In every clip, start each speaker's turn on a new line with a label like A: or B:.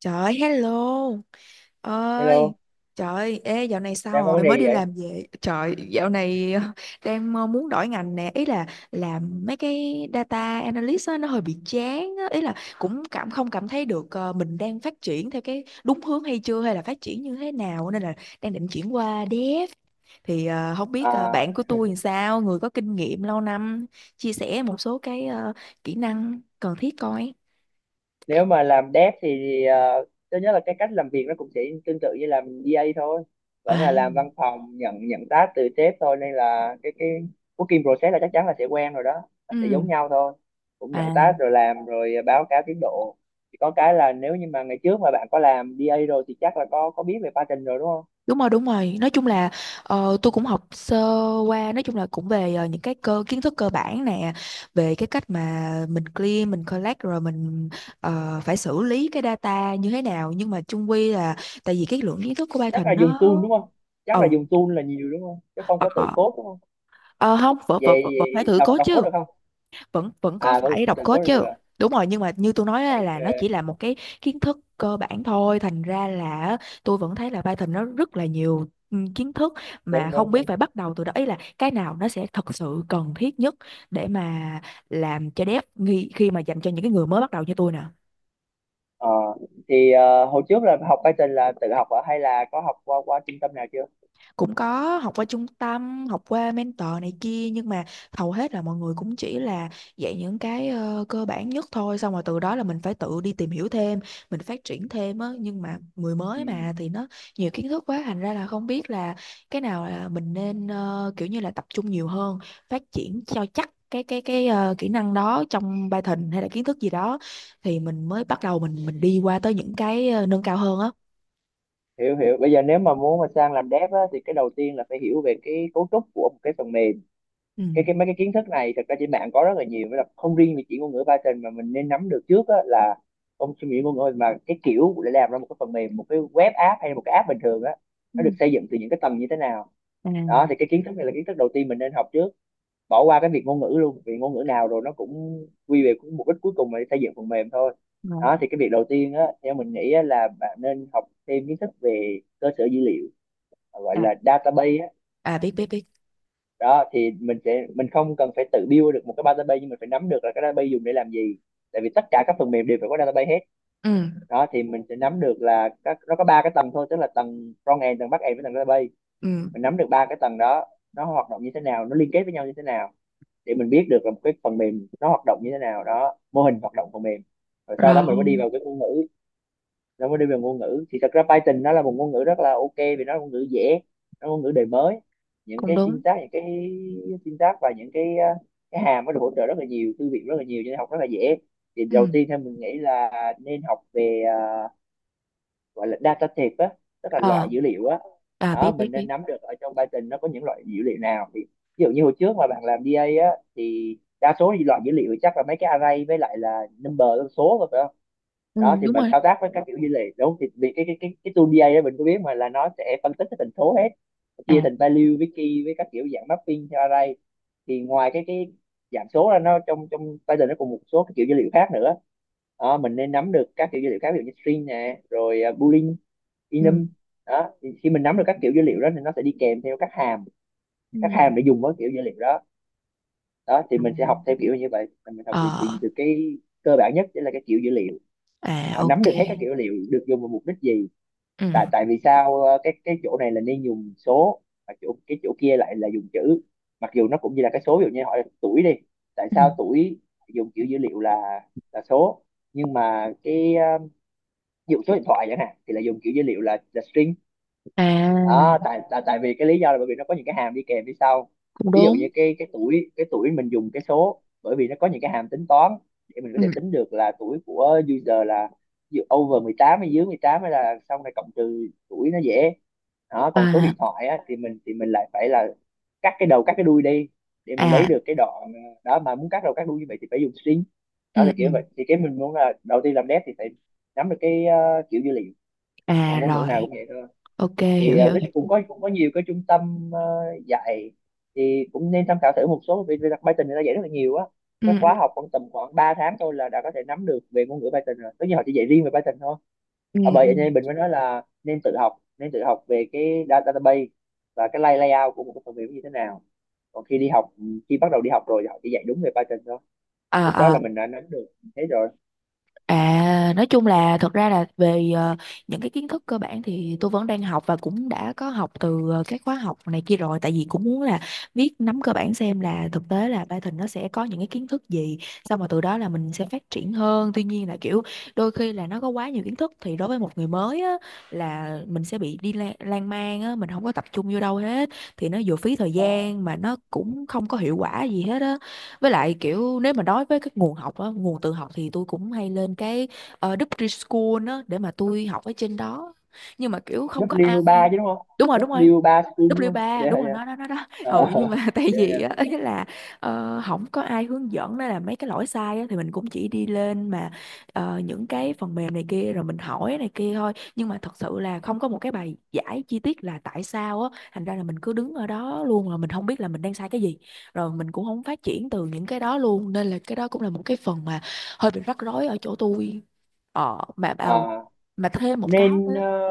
A: Trời ơi, hello ơi!
B: Hello,
A: Trời ơi, ê dạo này sao
B: đang có vấn
A: rồi,
B: đề
A: mới
B: gì
A: đi
B: vậy?
A: làm về? Trời, dạo này đang muốn đổi ngành nè. Ý là làm mấy cái data analyst á, nó hơi bị chán á. Ý là cũng cảm không cảm thấy được mình đang phát triển theo cái đúng hướng hay chưa, hay là phát triển như thế nào. Nên là đang định chuyển qua dev. Thì không biết
B: À,
A: bạn của tôi làm sao, người có kinh nghiệm lâu năm chia sẻ một số cái kỹ năng cần thiết coi.
B: nếu mà làm dev thì thứ nhất là cái cách làm việc nó cũng sẽ tương tự như làm DA thôi, vẫn
A: À,
B: là làm văn phòng nhận nhận task từ sếp thôi, nên là cái working process là chắc chắn là sẽ quen rồi đó, nó sẽ giống
A: ừ.
B: nhau thôi, cũng nhận
A: À.
B: task rồi làm rồi báo cáo tiến độ. Chỉ có cái là nếu như mà ngày trước mà bạn có làm DA rồi thì chắc là có biết về pattern rồi đúng không?
A: Đúng rồi, đúng rồi. Nói chung là tôi cũng học sơ qua, nói chung là cũng về những cái cơ kiến thức cơ bản nè, về cái cách mà mình clean, mình collect rồi mình phải xử lý cái data như thế nào. Nhưng mà chung quy là tại vì cái lượng kiến thức của
B: Chắc là
A: Python
B: dùng
A: nó
B: tool đúng không? Chắc là
A: ừ.
B: dùng tool là nhiều đúng không? Chứ không
A: ờ,
B: có tự code đúng không?
A: ờ, Không, vẫn vẫn
B: Về,
A: vẫn vẫn
B: về
A: phải thử
B: đọc
A: code
B: đọc
A: chứ.
B: code được không?
A: Vẫn vẫn có
B: À vẫn
A: phải
B: tự
A: đọc code
B: code
A: chứ.
B: được.
A: Đúng rồi, nhưng mà như tôi nói á, là nó chỉ
B: Ok,
A: là một cái kiến thức cơ bản thôi, thành ra là tôi vẫn thấy là Python nó rất là nhiều kiến thức, mà
B: đúng
A: không
B: đúng
A: biết
B: đúng.
A: phải bắt đầu từ đó. Ý là cái nào nó sẽ thật sự cần thiết nhất để mà làm cho dev khi mà dành cho những cái người mới bắt đầu như tôi nè.
B: Ờ thì hồi trước là học Python là tự học ở hay là có học qua qua trung tâm nào chưa?
A: Cũng có học qua trung tâm, học qua mentor này kia, nhưng mà hầu hết là mọi người cũng chỉ là dạy những cái cơ bản nhất thôi, xong rồi từ đó là mình phải tự đi tìm hiểu thêm, mình phát triển thêm á. Nhưng mà người
B: Ừ.
A: mới mà thì nó nhiều kiến thức quá, thành ra là không biết là cái nào là mình nên kiểu như là tập trung nhiều hơn, phát triển cho chắc cái kỹ năng đó trong Python hay là kiến thức gì đó, thì mình mới bắt đầu mình đi qua tới những cái nâng cao hơn á.
B: Hiểu hiểu, bây giờ nếu mà muốn mà sang làm dev á, thì cái đầu tiên là phải hiểu về cái cấu trúc của một cái phần mềm. cái
A: Ừ.
B: cái mấy cái kiến thức này thật ra trên mạng có rất là nhiều, là không riêng về chỉ ngôn ngữ Python mà mình nên nắm được trước á, là không chỉ ngôn ngữ mà cái kiểu để làm ra một cái phần mềm, một cái web app hay là một cái app bình thường á,
A: Ừ.
B: nó được xây dựng từ những cái tầng như thế nào.
A: À,
B: Đó thì cái kiến thức này là kiến thức đầu tiên mình nên học trước, bỏ qua cái việc ngôn ngữ luôn, vì ngôn ngữ nào rồi nó cũng quy về cũng mục đích cuối cùng là xây dựng phần mềm thôi.
A: rồi.
B: Đó thì cái việc đầu tiên á, theo mình nghĩ á, là bạn nên học thêm kiến thức về cơ sở dữ liệu, gọi
A: À,
B: là database á.
A: à, biết biết biết.
B: Đó thì mình sẽ, mình không cần phải tự build được một cái database nhưng mình phải nắm được là cái database dùng để làm gì, tại vì tất cả các phần mềm đều phải có database hết.
A: Ừ.
B: Đó thì mình sẽ nắm được là các, nó có ba cái tầng thôi, tức là tầng front end, tầng back end với tầng database.
A: Ừ.
B: Mình nắm được ba cái tầng đó, nó hoạt động như thế nào, nó liên kết với nhau như thế nào, để mình biết được là một cái phần mềm nó hoạt động như thế nào, đó, mô hình hoạt động phần mềm. Rồi sau đó mình mới đi
A: Rồi.
B: vào cái ngôn ngữ. Nó mới đi vào ngôn ngữ thì thật ra Python nó là một ngôn ngữ rất là ok, vì nó là ngôn ngữ dễ, nó là ngôn ngữ đời mới. những
A: Cũng
B: cái
A: đúng.
B: syntax những cái syntax và những cái cái hàm, nó được hỗ trợ rất là nhiều, thư viện rất là nhiều, cho nên học rất là dễ. Thì
A: Ừ.
B: đầu tiên theo mình nghĩ là nên học về gọi là data type á, tức là loại
A: Ờ.
B: dữ liệu á.
A: À, biết
B: Đó,
A: biết
B: mình nên
A: biết.
B: nắm được ở trong Python nó có những loại dữ liệu nào, thì ví dụ như hồi trước mà bạn làm DA á thì đa số thì loại dữ liệu chắc là mấy cái array với lại là number, con số rồi phải không?
A: Ừ,
B: Đó thì
A: đúng
B: mình
A: rồi.
B: thao tác với các kiểu dữ liệu đúng không? Thì vì cái tool DA đó mình có biết mà, là nó sẽ phân tích cái thành số hết,
A: À.
B: chia thành value với key với các kiểu dạng mapping theo array. Thì ngoài cái giảm số ra nó, trong trong Python nó còn một số cái kiểu dữ liệu khác nữa. Đó, mình nên nắm được các kiểu dữ liệu khác, ví dụ như string nè, rồi boolean,
A: ừ.
B: enum. Đó thì khi mình nắm được các kiểu dữ liệu đó thì nó sẽ đi kèm theo các hàm,
A: Ừ.
B: các hàm để dùng với kiểu dữ liệu đó. Đó thì
A: Ừ.
B: mình sẽ học theo kiểu như vậy, là mình học từ từ,
A: Ờ.
B: từ cái cơ bản nhất chính là cái kiểu dữ liệu. À,
A: À,
B: nắm
A: ok.
B: được hết các kiểu dữ liệu được dùng vào mục đích gì.
A: Ừ.
B: Tại tại vì sao cái chỗ này là nên dùng số, mà chỗ cái chỗ kia lại là dùng chữ, mặc dù nó cũng như là cái số, ví dụ như hỏi tuổi đi, tại
A: Ừ.
B: sao tuổi dùng kiểu dữ liệu là số, nhưng mà cái ví dụ số điện thoại chẳng hạn thì là dùng kiểu dữ liệu là string. Đó
A: À.
B: tại tại tại vì cái lý do là bởi vì nó có những cái hàm đi kèm phía sau.
A: Cũng
B: Ví dụ
A: đúng.
B: như cái tuổi mình dùng cái số, bởi vì nó có những cái hàm tính toán để mình có
A: Ừ.
B: thể tính được là tuổi của user là ví dụ over 18 hay dưới 18 hay là xong này cộng trừ tuổi nó dễ. Đó còn số điện
A: À.
B: thoại á, thì mình, thì mình lại phải là cắt cái đầu cắt cái đuôi đi để mình lấy
A: À.
B: được cái đoạn đó, mà muốn cắt đầu cắt đuôi như vậy thì phải dùng string.
A: Ừ.
B: Đó là
A: Ừ.
B: kiểu vậy, thì cái mình muốn là đầu tiên làm dev thì phải nắm được cái kiểu dữ liệu,
A: À.
B: còn ngôn ngữ nào
A: Rồi.
B: cũng vậy thôi.
A: Ok,
B: Thì
A: hiểu hiểu
B: nói
A: hiểu.
B: chung cũng có nhiều cái trung tâm dạy, thì cũng nên tham khảo thử một số, vì đặc Python người ta dạy rất là nhiều á. Cái
A: Ừ,
B: khóa
A: ừ.
B: học khoảng tầm khoảng 3 tháng thôi là đã có thể nắm được về ngôn ngữ Python rồi, tất nhiên họ chỉ dạy riêng về Python thôi.
A: Ừ.
B: Và bởi
A: Ừ.
B: vậy nên mình mới nói là nên tự học, nên tự học về cái database và cái layout của một cái phần mềm như thế nào. Còn khi đi học, ừ, khi bắt đầu đi học rồi thì họ chỉ dạy đúng về Python thôi,
A: À,
B: lúc đó là
A: à.
B: mình đã nắm được thế rồi.
A: À, nói chung là thật ra là về những cái kiến thức cơ bản thì tôi vẫn đang học, và cũng đã có học từ các khóa học này kia rồi, tại vì cũng muốn là biết nắm cơ bản xem là thực tế là Python nó sẽ có những cái kiến thức gì, xong rồi từ đó là mình sẽ phát triển hơn. Tuy nhiên là kiểu đôi khi là nó có quá nhiều kiến thức thì đối với một người mới á, là mình sẽ bị đi lan man á, mình không có tập trung vô đâu hết, thì nó vừa phí thời
B: Ờ,
A: gian mà nó cũng không có hiệu quả gì hết á. Với lại kiểu, nếu mà nói với các nguồn học á, nguồn tự học, thì tôi cũng hay lên cái Đức Preschool á để mà tôi học ở trên đó, nhưng mà kiểu không có ai.
B: W3 chứ đúng không?
A: Đúng rồi, đúng rồi.
B: W3 school luôn,
A: W3
B: dạ
A: đúng rồi,
B: dạ.
A: nó đó, đó đó.
B: Ờ,
A: Ừ nhưng mà tại
B: dạ
A: vì
B: dạ.
A: á, ý là không có ai hướng dẫn nên là mấy cái lỗi sai á, thì mình cũng chỉ đi lên mà những cái phần mềm này kia rồi mình hỏi này kia thôi, nhưng mà thật sự là không có một cái bài giải chi tiết là tại sao á, thành ra là mình cứ đứng ở đó luôn, là mình không biết là mình đang sai cái gì, rồi mình cũng không phát triển từ những cái đó luôn. Nên là cái đó cũng là một cái phần mà hơi bị rắc rối ở chỗ tôi. ờ mà mà
B: Ờ,
A: mà thêm một cái nữa.
B: ờ,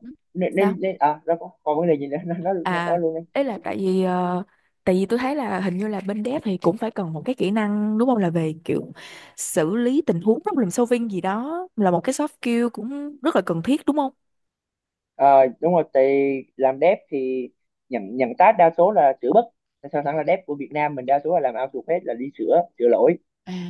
A: Ừ,
B: nên
A: sao?
B: nên, nên à nó có còn vấn đề gì nữa nó
A: À,
B: luôn đi.
A: đấy là tại vì tại vì tôi thấy là hình như là bên dev thì cũng phải cần một cái kỹ năng đúng không, là về kiểu xử lý tình huống, problem solving gì đó, là một cái soft skill cũng rất là cần thiết đúng không?
B: Ờ, đúng rồi, thì làm dev thì nhận nhận task đa số là sửa bất, sao thẳng là dev của Việt Nam mình đa số là làm outsource hết, là đi sửa sửa lỗi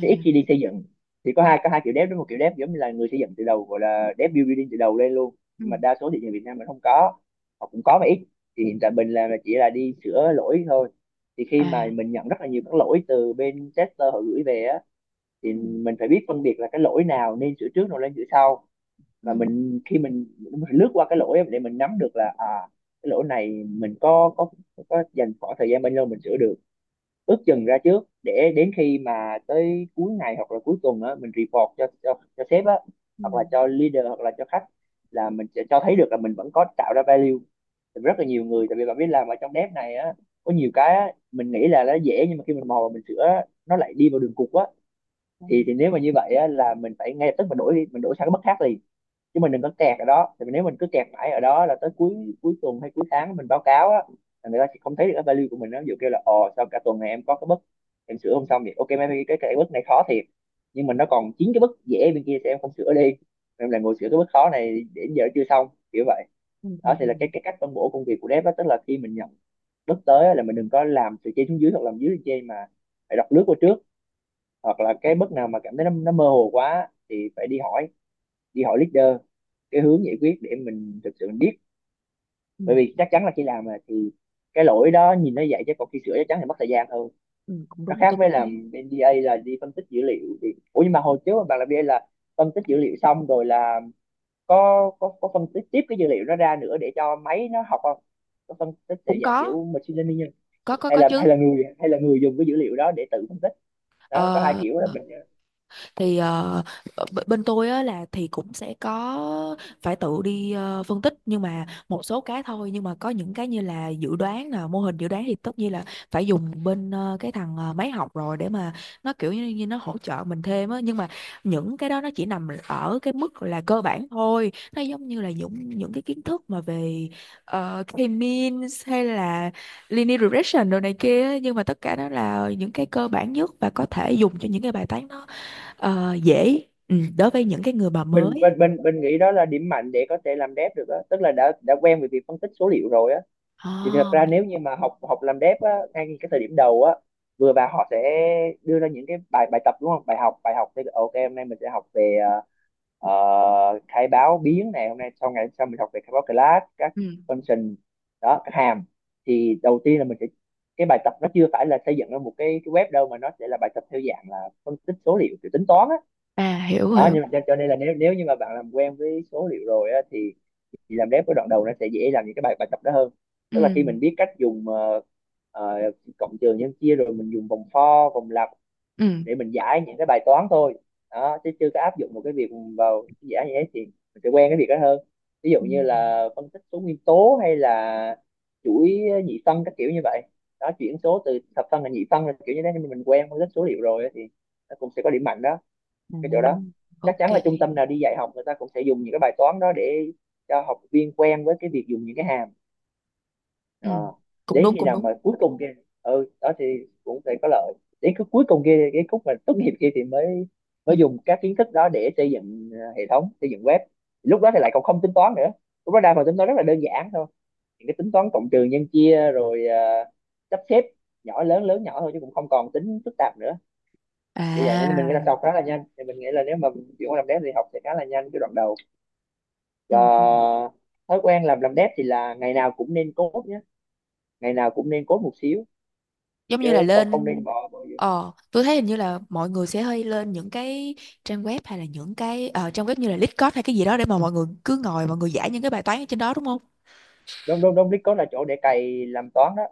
B: thì ít khi đi xây dựng. Thì có hai kiểu dev đó, một kiểu dev giống như là người xây dựng từ đầu, gọi là dev building từ đầu lên luôn, nhưng mà
A: Ừ.
B: đa số thị trường Việt Nam mình không có, hoặc cũng có mà ít. Thì hiện tại mình làm là chỉ là đi sửa lỗi thôi. Thì khi mà
A: À.
B: mình nhận rất là nhiều các lỗi từ bên tester họ gửi về á,
A: Ừ.
B: thì mình phải biết phân biệt là cái lỗi nào nên sửa trước rồi lên sửa sau.
A: Ừ.
B: Và mình khi mình lướt qua cái lỗi để mình nắm được là à, cái lỗi này mình có dành khoảng thời gian bao lâu mình sửa được, ước chừng ra trước để đến khi mà tới cuối ngày hoặc là cuối tuần á mình report cho sếp á,
A: Ừ.
B: hoặc là cho leader hoặc là cho khách, là mình sẽ cho thấy được là mình vẫn có tạo ra value. Thì rất là nhiều người, tại vì bạn biết làm ở trong dev này á, có nhiều cái á, mình nghĩ là nó dễ nhưng mà khi mình mò và mình sửa á, nó lại đi vào đường cụt á.
A: Ừ.
B: Thì nếu mà như vậy á, là mình phải ngay lập tức mình đổi đi, mình đổi sang cái bất khác liền, chứ mình đừng có kẹt ở đó. Thì nếu mình cứ kẹt mãi ở đó là tới cuối cuối tuần hay cuối tháng mình báo cáo á, là người ta sẽ không thấy được cái value của mình. Nó ví dụ kêu là ồ sao cả tuần này em có cái bức em sửa không xong vậy, ok mấy cái bất này khó thiệt nhưng mà nó còn chín cái bức dễ bên kia thì em không sửa đi, em là ngồi sửa cái bức khó này đến giờ chưa xong, kiểu vậy.
A: Ừ. Ừ,
B: Đó thì là cái cách phân bổ công việc của dev đó, tức là khi mình nhận bức tới á, là mình đừng có làm từ trên xuống dưới hoặc làm dưới lên trên, mà phải đọc lướt qua trước, hoặc là cái bước nào mà cảm thấy nó mơ hồ quá thì phải đi hỏi, leader cái hướng giải quyết để mình thực sự mình biết.
A: ừ,
B: Bởi vì chắc chắn là khi làm mà thì cái lỗi đó nhìn nó vậy, chứ còn khi sửa chắc chắn thì mất thời gian hơn.
A: ừ, cũng
B: Nó
A: đúng,
B: khác
A: tôi
B: với
A: cũng thấy.
B: làm bên DA là đi phân tích dữ liệu. Thì ủa, nhưng mà hồi trước bạn làm DA là phân tích dữ liệu xong rồi là có phân tích tiếp cái dữ liệu đó ra nữa để cho máy nó học không? Có phân tích theo
A: Cũng
B: dạng
A: có,
B: kiểu machine learning, hay
A: có
B: là hay là
A: chứ.
B: người hay là người dùng cái dữ liệu đó để tự phân tích? Đó có hai
A: Ờ,
B: kiểu đó mình
A: thì bên tôi á là thì cũng sẽ có phải tự đi phân tích, nhưng mà một số cái thôi. Nhưng mà có những cái như là dự đoán nè, mô hình dự đoán, thì tất nhiên là phải dùng bên cái thằng máy học rồi để mà nó kiểu như, như nó hỗ trợ mình thêm á. Nhưng mà những cái đó nó chỉ nằm ở cái mức là cơ bản thôi, nó giống như là những cái kiến thức mà về uh, K-means hay là linear regression đồ này kia á. Nhưng mà tất cả đó là những cái cơ bản nhất và có thể dùng cho những cái bài toán đó. Ờ, dễ. Ừ, đối với những cái người mà
B: mình mình
A: mới.
B: mình mình nghĩ đó là điểm mạnh để có thể làm dev được đó. Tức là đã quen với việc phân tích số liệu rồi á, thì thật
A: À.
B: ra nếu như mà học học làm dev á, ngay cái thời điểm đầu á vừa vào họ sẽ đưa ra những cái bài bài tập, đúng không? Bài học thì ok, hôm nay mình sẽ học về ờ, khai báo biến, này hôm nay sau, ngày sau mình học về khai báo class, các
A: Ừ.
B: function, đó các hàm. Thì đầu tiên là mình sẽ, cái bài tập nó chưa phải là xây dựng ra một cái web đâu, mà nó sẽ là bài tập theo dạng là phân tích số liệu kiểu tính toán á.
A: À, hiểu
B: Đó
A: hiểu.
B: nhưng mà cho nên là nếu nếu như mà bạn làm quen với số liệu rồi á, thì làm dev cái đoạn đầu nó sẽ dễ làm những cái bài bài tập đó hơn.
A: Ừ.
B: Tức là khi mình biết cách dùng ờ, cộng trừ nhân chia, rồi mình dùng vòng for, vòng lặp
A: Ừ.
B: để mình giải những cái bài toán thôi. Đó chứ chưa có áp dụng một cái việc vào giải như thế, thì mình sẽ quen cái việc đó hơn. Ví dụ
A: Ừ.
B: như là phân tích số nguyên tố hay là chuỗi nhị phân các kiểu như vậy. Đó, chuyển số từ thập phân thành nhị phân là kiểu như thế, nhưng mà mình quen phân tích số liệu rồi á, thì nó cũng sẽ có điểm mạnh đó,
A: À,
B: cái chỗ đó. Chắc
A: ok.
B: chắn là trung tâm nào đi dạy học người ta cũng sẽ dùng những cái bài toán đó để cho học viên quen với cái việc dùng những cái hàm. Ờ.
A: Ừ. Cũng
B: Đến
A: đúng,
B: khi
A: cũng
B: nào
A: đúng.
B: mà cuối cùng kia, ừ đó thì cũng sẽ có lợi. Đến cái cuối cùng kia, cái khúc mà tốt nghiệp kia, thì mới
A: Ừ.
B: mới dùng các kiến thức đó để xây dựng hệ thống, xây dựng web. Lúc đó thì lại còn không tính toán nữa, lúc đó đa phần tính toán rất là đơn giản thôi, những cái tính toán cộng trừ nhân chia rồi sắp xếp nhỏ lớn lớn nhỏ thôi, chứ cũng không còn tính phức tạp nữa. Kiểu vậy nên mình nghĩ là
A: À.
B: sau khá là nhanh, thì mình nghĩ là nếu mà mình chuyển qua làm dev thì học sẽ khá là nhanh cái đoạn đầu.
A: Ừ. Ừ.
B: Và thói quen làm dev thì là ngày nào cũng nên code nhé, ngày nào cũng nên code một xíu,
A: Giống
B: chứ
A: như là
B: không, không
A: lên.
B: nên bỏ bỏ gì.
A: Ờ, tôi thấy hình như là mọi người sẽ hay lên những cái trang web, hay là những cái trang web như là Discord hay cái gì đó, để mà mọi người cứ ngồi mọi người giải những cái bài toán ở trên đó đúng không?
B: Đúng đúng đúng, Discord là chỗ để cày làm toán đó.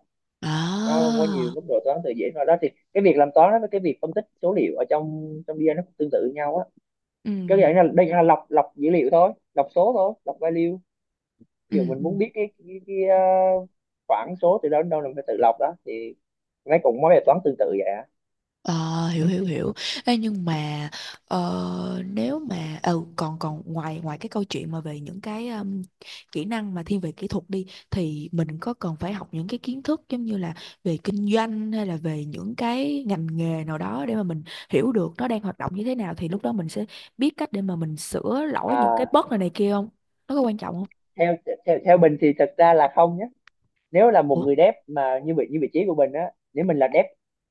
B: Nó có nhiều
A: À.
B: mức độ toán từ dễ vào đó, thì cái việc làm toán đó với cái việc phân tích số liệu ở trong trong BI nó cũng tương tự nhau á. Cái
A: Ừ.
B: dạng là đây là lọc lọc dữ liệu thôi, lọc số thôi, lọc value. Ví dụ
A: Ừ.
B: mình
A: Ừ.
B: muốn biết cái khoảng số từ đó đến đâu là mình phải tự lọc. Đó thì mấy cũng mấy bài toán tương tự vậy.
A: Ờ, hiểu hiểu hiểu. Ê, nhưng mà nếu mà còn còn ngoài ngoài cái câu chuyện mà về những cái kỹ năng mà thiên về kỹ thuật đi, thì mình có cần phải học những cái kiến thức giống như là về kinh doanh hay là về những cái ngành nghề nào đó để mà mình hiểu được nó đang hoạt động như thế nào, thì lúc đó mình sẽ biết cách để mà mình sửa lỗi những cái
B: À,
A: bug này này kia không? Nó có quan trọng không?
B: theo theo theo Bình thì thật ra là không nhé. Nếu là một
A: Ủa?
B: người dev mà như vị trí của Bình á, nếu mình là dev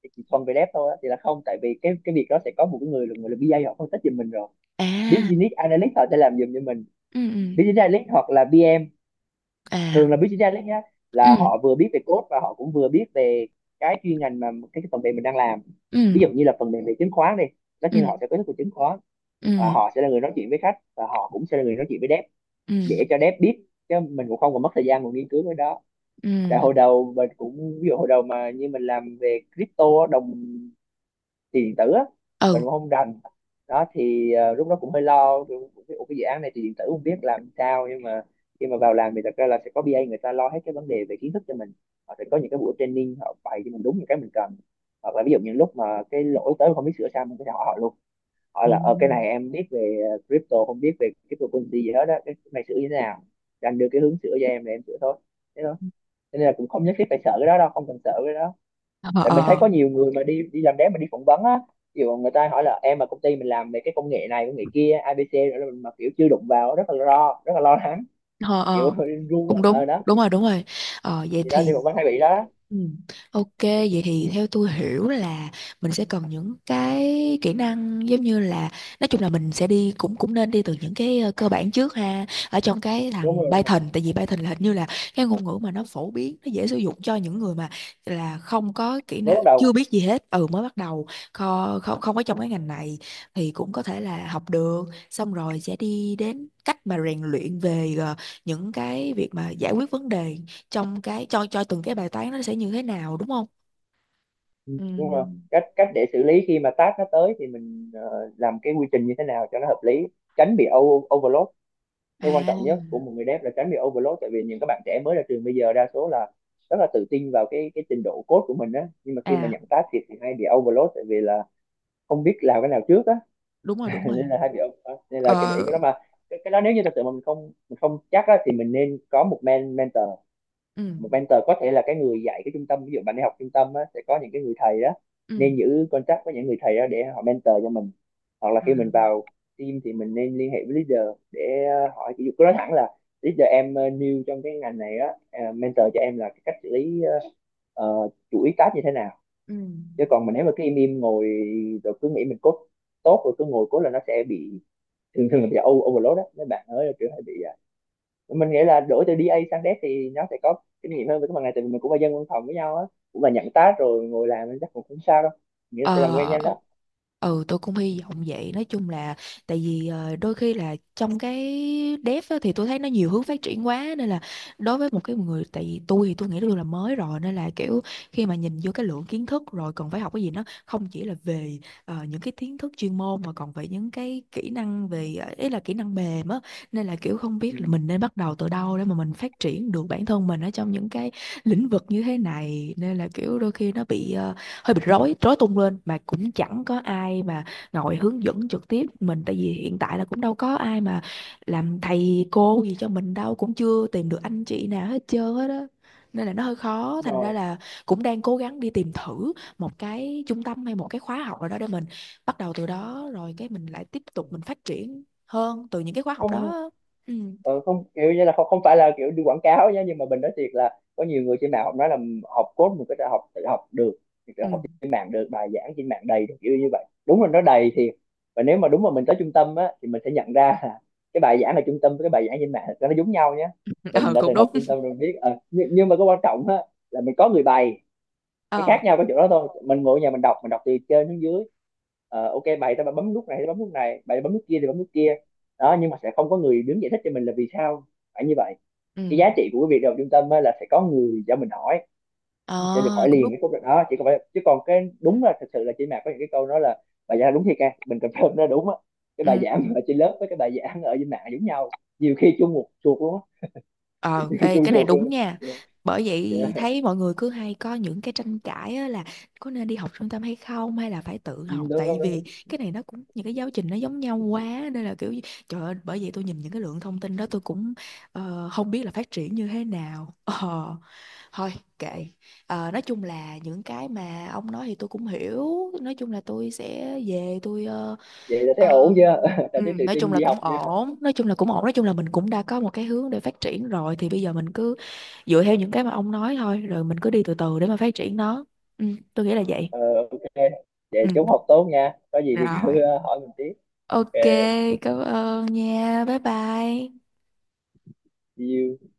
B: thì chỉ thuần về dev thôi á, thì là không, tại vì cái việc đó sẽ có một cái người là, người là BA họ phân tích giùm mình rồi.
A: À,
B: Business analyst họ sẽ làm giùm cho mình.
A: ừ ừ.
B: Business analyst hoặc là BM, thường
A: À.
B: là business analyst nhá, là
A: Ừ.
B: họ vừa biết về code và họ cũng vừa biết về cái chuyên ngành mà cái phần mềm mình đang làm.
A: Ừ.
B: Ví dụ như là phần mềm về chứng khoán đi, tất nhiên là họ
A: Ừ.
B: sẽ có thức về chứng khoán. Và
A: Ừ.
B: họ sẽ là người nói chuyện với khách và họ cũng sẽ là người nói chuyện với dev
A: Ừ.
B: để cho dev biết, chứ mình cũng không còn mất thời gian còn nghiên cứu cái đó.
A: Ừ.
B: Tại hồi đầu mình cũng, ví dụ hồi đầu mà như mình làm về crypto á, đồng tiền điện tử á, mình
A: Ừ.
B: cũng không rành. Đó thì lúc đó cũng hơi lo kiểu, cái, "Ủa, cái dự án này thì điện tử không biết làm sao." Nhưng mà khi mà vào làm thì thật ra là sẽ có BA người ta lo hết cái vấn đề về kiến thức cho mình. Họ sẽ có những cái buổi training, họ bày cho mình đúng những cái mình cần. Hoặc là ví dụ những lúc mà cái lỗi tới mà không biết sửa sao, mình có thể hỏi họ luôn. Hỏi
A: À.
B: là ờ cái này em biết về crypto, không biết về cryptocurrency gì hết đó, cái này sửa như thế nào, thì anh đưa cái hướng sửa cho em là em sửa thôi. Thế thôi. Cho nên là cũng không nhất thiết phải sợ cái đó đâu, không cần sợ cái đó.
A: Ờ.
B: Tại mình thấy
A: Ờ.
B: có nhiều người mà đi đi làm đếm mà đi phỏng vấn á, ví dụ người ta hỏi là em mà công ty mình làm về cái công nghệ này công nghệ kia ABC, rồi mình mà kiểu chưa đụng vào, rất là lo, rất là lo lắng,
A: Ờ,
B: kiểu
A: ờ,
B: run á.
A: cũng
B: Ờ
A: đúng,
B: đó,
A: đúng rồi, đúng rồi. Ờ, vậy
B: thì đó
A: thì.
B: đi phỏng vấn hay bị đó.
A: Ừ. Ok, vậy thì theo tôi hiểu là mình sẽ cần những cái kỹ năng giống như là, nói chung là mình sẽ đi, cũng cũng nên đi từ những cái cơ bản trước ha, ở trong cái
B: Đúng
A: thằng
B: rồi,
A: Python, tại vì Python là hình như là cái ngôn ngữ mà nó phổ biến, nó dễ sử dụng cho những người mà là không có kỹ
B: mới
A: năng,
B: bắt
A: chưa
B: đầu.
A: biết gì hết. Ừ, mới bắt đầu, không không có trong cái ngành này, thì cũng có thể là học được. Xong rồi sẽ đi đến cách mà rèn luyện về những cái việc mà giải quyết vấn đề trong cái, cho từng cái bài toán nó sẽ như thế nào đúng không?
B: Ừ,
A: Ừ.
B: đúng rồi, cách cách để xử lý khi mà task nó tới thì mình làm cái quy trình như thế nào cho nó hợp lý, tránh bị overload. Cái quan trọng nhất của
A: À.
B: một người dev là tránh bị overload, tại vì những các bạn trẻ mới ra trường bây giờ đa số là rất là tự tin vào cái trình độ code của mình á, nhưng mà khi mà
A: À.
B: nhận task thì hay bị overload, tại vì là không biết làm cái nào trước á.
A: Đúng rồi, đúng
B: Nên
A: rồi.
B: là hay bị nên là cái để
A: Ờ.
B: cái đó mà cái đó nếu như thật sự mà mình không, mình không chắc á, thì mình nên có một mentor.
A: Ừ.
B: Một mentor có thể là cái người dạy cái trung tâm, ví dụ bạn đi học trung tâm á, sẽ có những cái người thầy đó.
A: Ừ.
B: Nên giữ contact với những người thầy đó để họ mentor cho mình. Hoặc là
A: À,
B: khi mình vào team thì mình nên liên hệ với leader để hỏi. Ví dụ cứ nói thẳng là leader em new trong cái ngành này á, mentor cho em là cái cách xử lý chuỗi task như thế nào.
A: ừ.
B: Chứ còn mình nếu mà cứ im im ngồi rồi cứ nghĩ mình code tốt rồi cứ ngồi code là nó sẽ bị, thường thường là bị overload đó mấy bạn ơi, kiểu hay bị mình nghĩ là đổi từ DA sang Dev thì nó sẽ có kinh nghiệm hơn với các bạn này, tại vì mình cũng là dân văn phòng với nhau á, cũng là nhận task rồi ngồi làm nên chắc cũng không sao đâu, nghĩa là sẽ làm quen
A: Ờ,
B: nhanh đó.
A: ừ, tôi cũng hy vọng vậy. Nói chung là tại vì đôi khi là trong cái dev á, thì tôi thấy nó nhiều hướng phát triển quá, nên là đối với một cái người, tại vì tôi thì tôi nghĩ tôi là mới rồi, nên là kiểu khi mà nhìn vô cái lượng kiến thức rồi cần phải học cái gì, nó không chỉ là về những cái kiến thức chuyên môn mà còn về những cái kỹ năng về ý là kỹ năng mềm á, nên là kiểu không
B: Ừ.
A: biết là mình nên bắt đầu từ đâu để mà mình phát triển được bản thân mình ở trong những cái lĩnh vực như thế này. Nên là kiểu đôi khi nó bị hơi bị rối, rối tung lên, mà cũng chẳng có ai mà ngồi hướng dẫn trực tiếp mình, tại vì hiện tại là cũng đâu có ai mà làm thầy cô gì cho mình đâu, cũng chưa tìm được anh chị nào hết trơn hết á, nên là nó hơi khó.
B: Đúng
A: Thành ra
B: rồi.
A: là cũng đang cố gắng đi tìm thử một cái trung tâm hay một cái khóa học nào đó để mình bắt đầu từ đó, rồi cái mình lại tiếp tục mình phát triển hơn từ những cái khóa học
B: Không.
A: đó. Ừ.
B: Ờ, không kiểu như là không, không phải là kiểu đi quảng cáo nhé, nhưng mà mình nói thiệt là có nhiều người trên mạng họ nói là học code mình có thể tự học được, thì tự
A: Ừ.
B: học trên mạng được, bài giảng trên mạng đầy kiểu như vậy, đúng là nó đầy thiệt. Và nếu mà đúng mà mình tới trung tâm á, thì mình sẽ nhận ra là cái bài giảng ở trung tâm với cái bài giảng trên mạng nó giống nhau nhé. Mình
A: Ờ,
B: đã
A: cũng
B: từng học
A: đúng.
B: trung tâm rồi biết. Ờ, nhưng mà cái quan trọng á là mình có người bày. Cái
A: Ờ.
B: khác nhau có chỗ đó thôi, mình ngồi ở nhà mình đọc, mình đọc từ trên xuống dưới. Ờ, ok, bài tao bấm nút này thì bấm nút này, bài bấm nút kia thì bấm nút kia. Đó nhưng mà sẽ không có người đứng giải thích cho mình là vì sao phải như vậy.
A: Ừ.
B: Cái giá trị của cái việc đầu trung tâm á là sẽ có người cho mình hỏi. Mình sẽ được
A: Ờ,
B: hỏi
A: cũng
B: liền
A: đúng.
B: cái câu đó, chỉ còn phải chứ còn cái đúng là thật sự là trên mà có những cái câu nói là bài giảng đúng thiệt, ca mình confirm nó đúng á. Cái bài
A: Ừ.
B: giảng ở trên lớp với cái bài giảng ở trên mạng giống nhau, nhiều khi chung một chuột luôn á.
A: Ờ,
B: Nhiều khi
A: ê,
B: chung
A: cái này
B: chuột
A: đúng
B: luôn.
A: nha.
B: Yeah,
A: Bởi vậy
B: yeah.
A: thấy mọi người cứ hay có những cái tranh cãi á, là có nên đi học trung tâm hay không, hay là phải tự
B: Ừ,
A: học,
B: đúng
A: tại
B: đúng
A: vì
B: đúng,
A: cái này nó cũng, những cái giáo trình nó giống nhau quá, nên là kiểu gì-. Trời ơi, bởi vậy tôi nhìn những cái lượng thông tin đó tôi cũng không biết là phát triển như thế nào. Ờ, thôi kệ. Ờ, nói chung là những cái mà ông nói thì tôi cũng hiểu, nói chung là tôi sẽ về tôi
B: vậy là thấy ổn
A: uh,
B: chưa, là
A: ừ,
B: thấy tự
A: nói chung
B: tin
A: là
B: đi
A: cũng
B: học chưa?
A: ổn, nói chung là cũng ổn, nói chung là mình cũng đã có một cái hướng để phát triển rồi, thì bây giờ mình cứ dựa theo những cái mà ông nói thôi, rồi mình cứ đi từ từ để mà phát triển nó. Ừ, tôi nghĩ là vậy.
B: Ờ, ok.
A: Ừ.
B: Vậy chúc học tốt nha. Có gì thì
A: Rồi.
B: cứ hỏi mình tiếp.
A: Ok,
B: Ok.
A: cảm ơn nha, bye bye.
B: See you.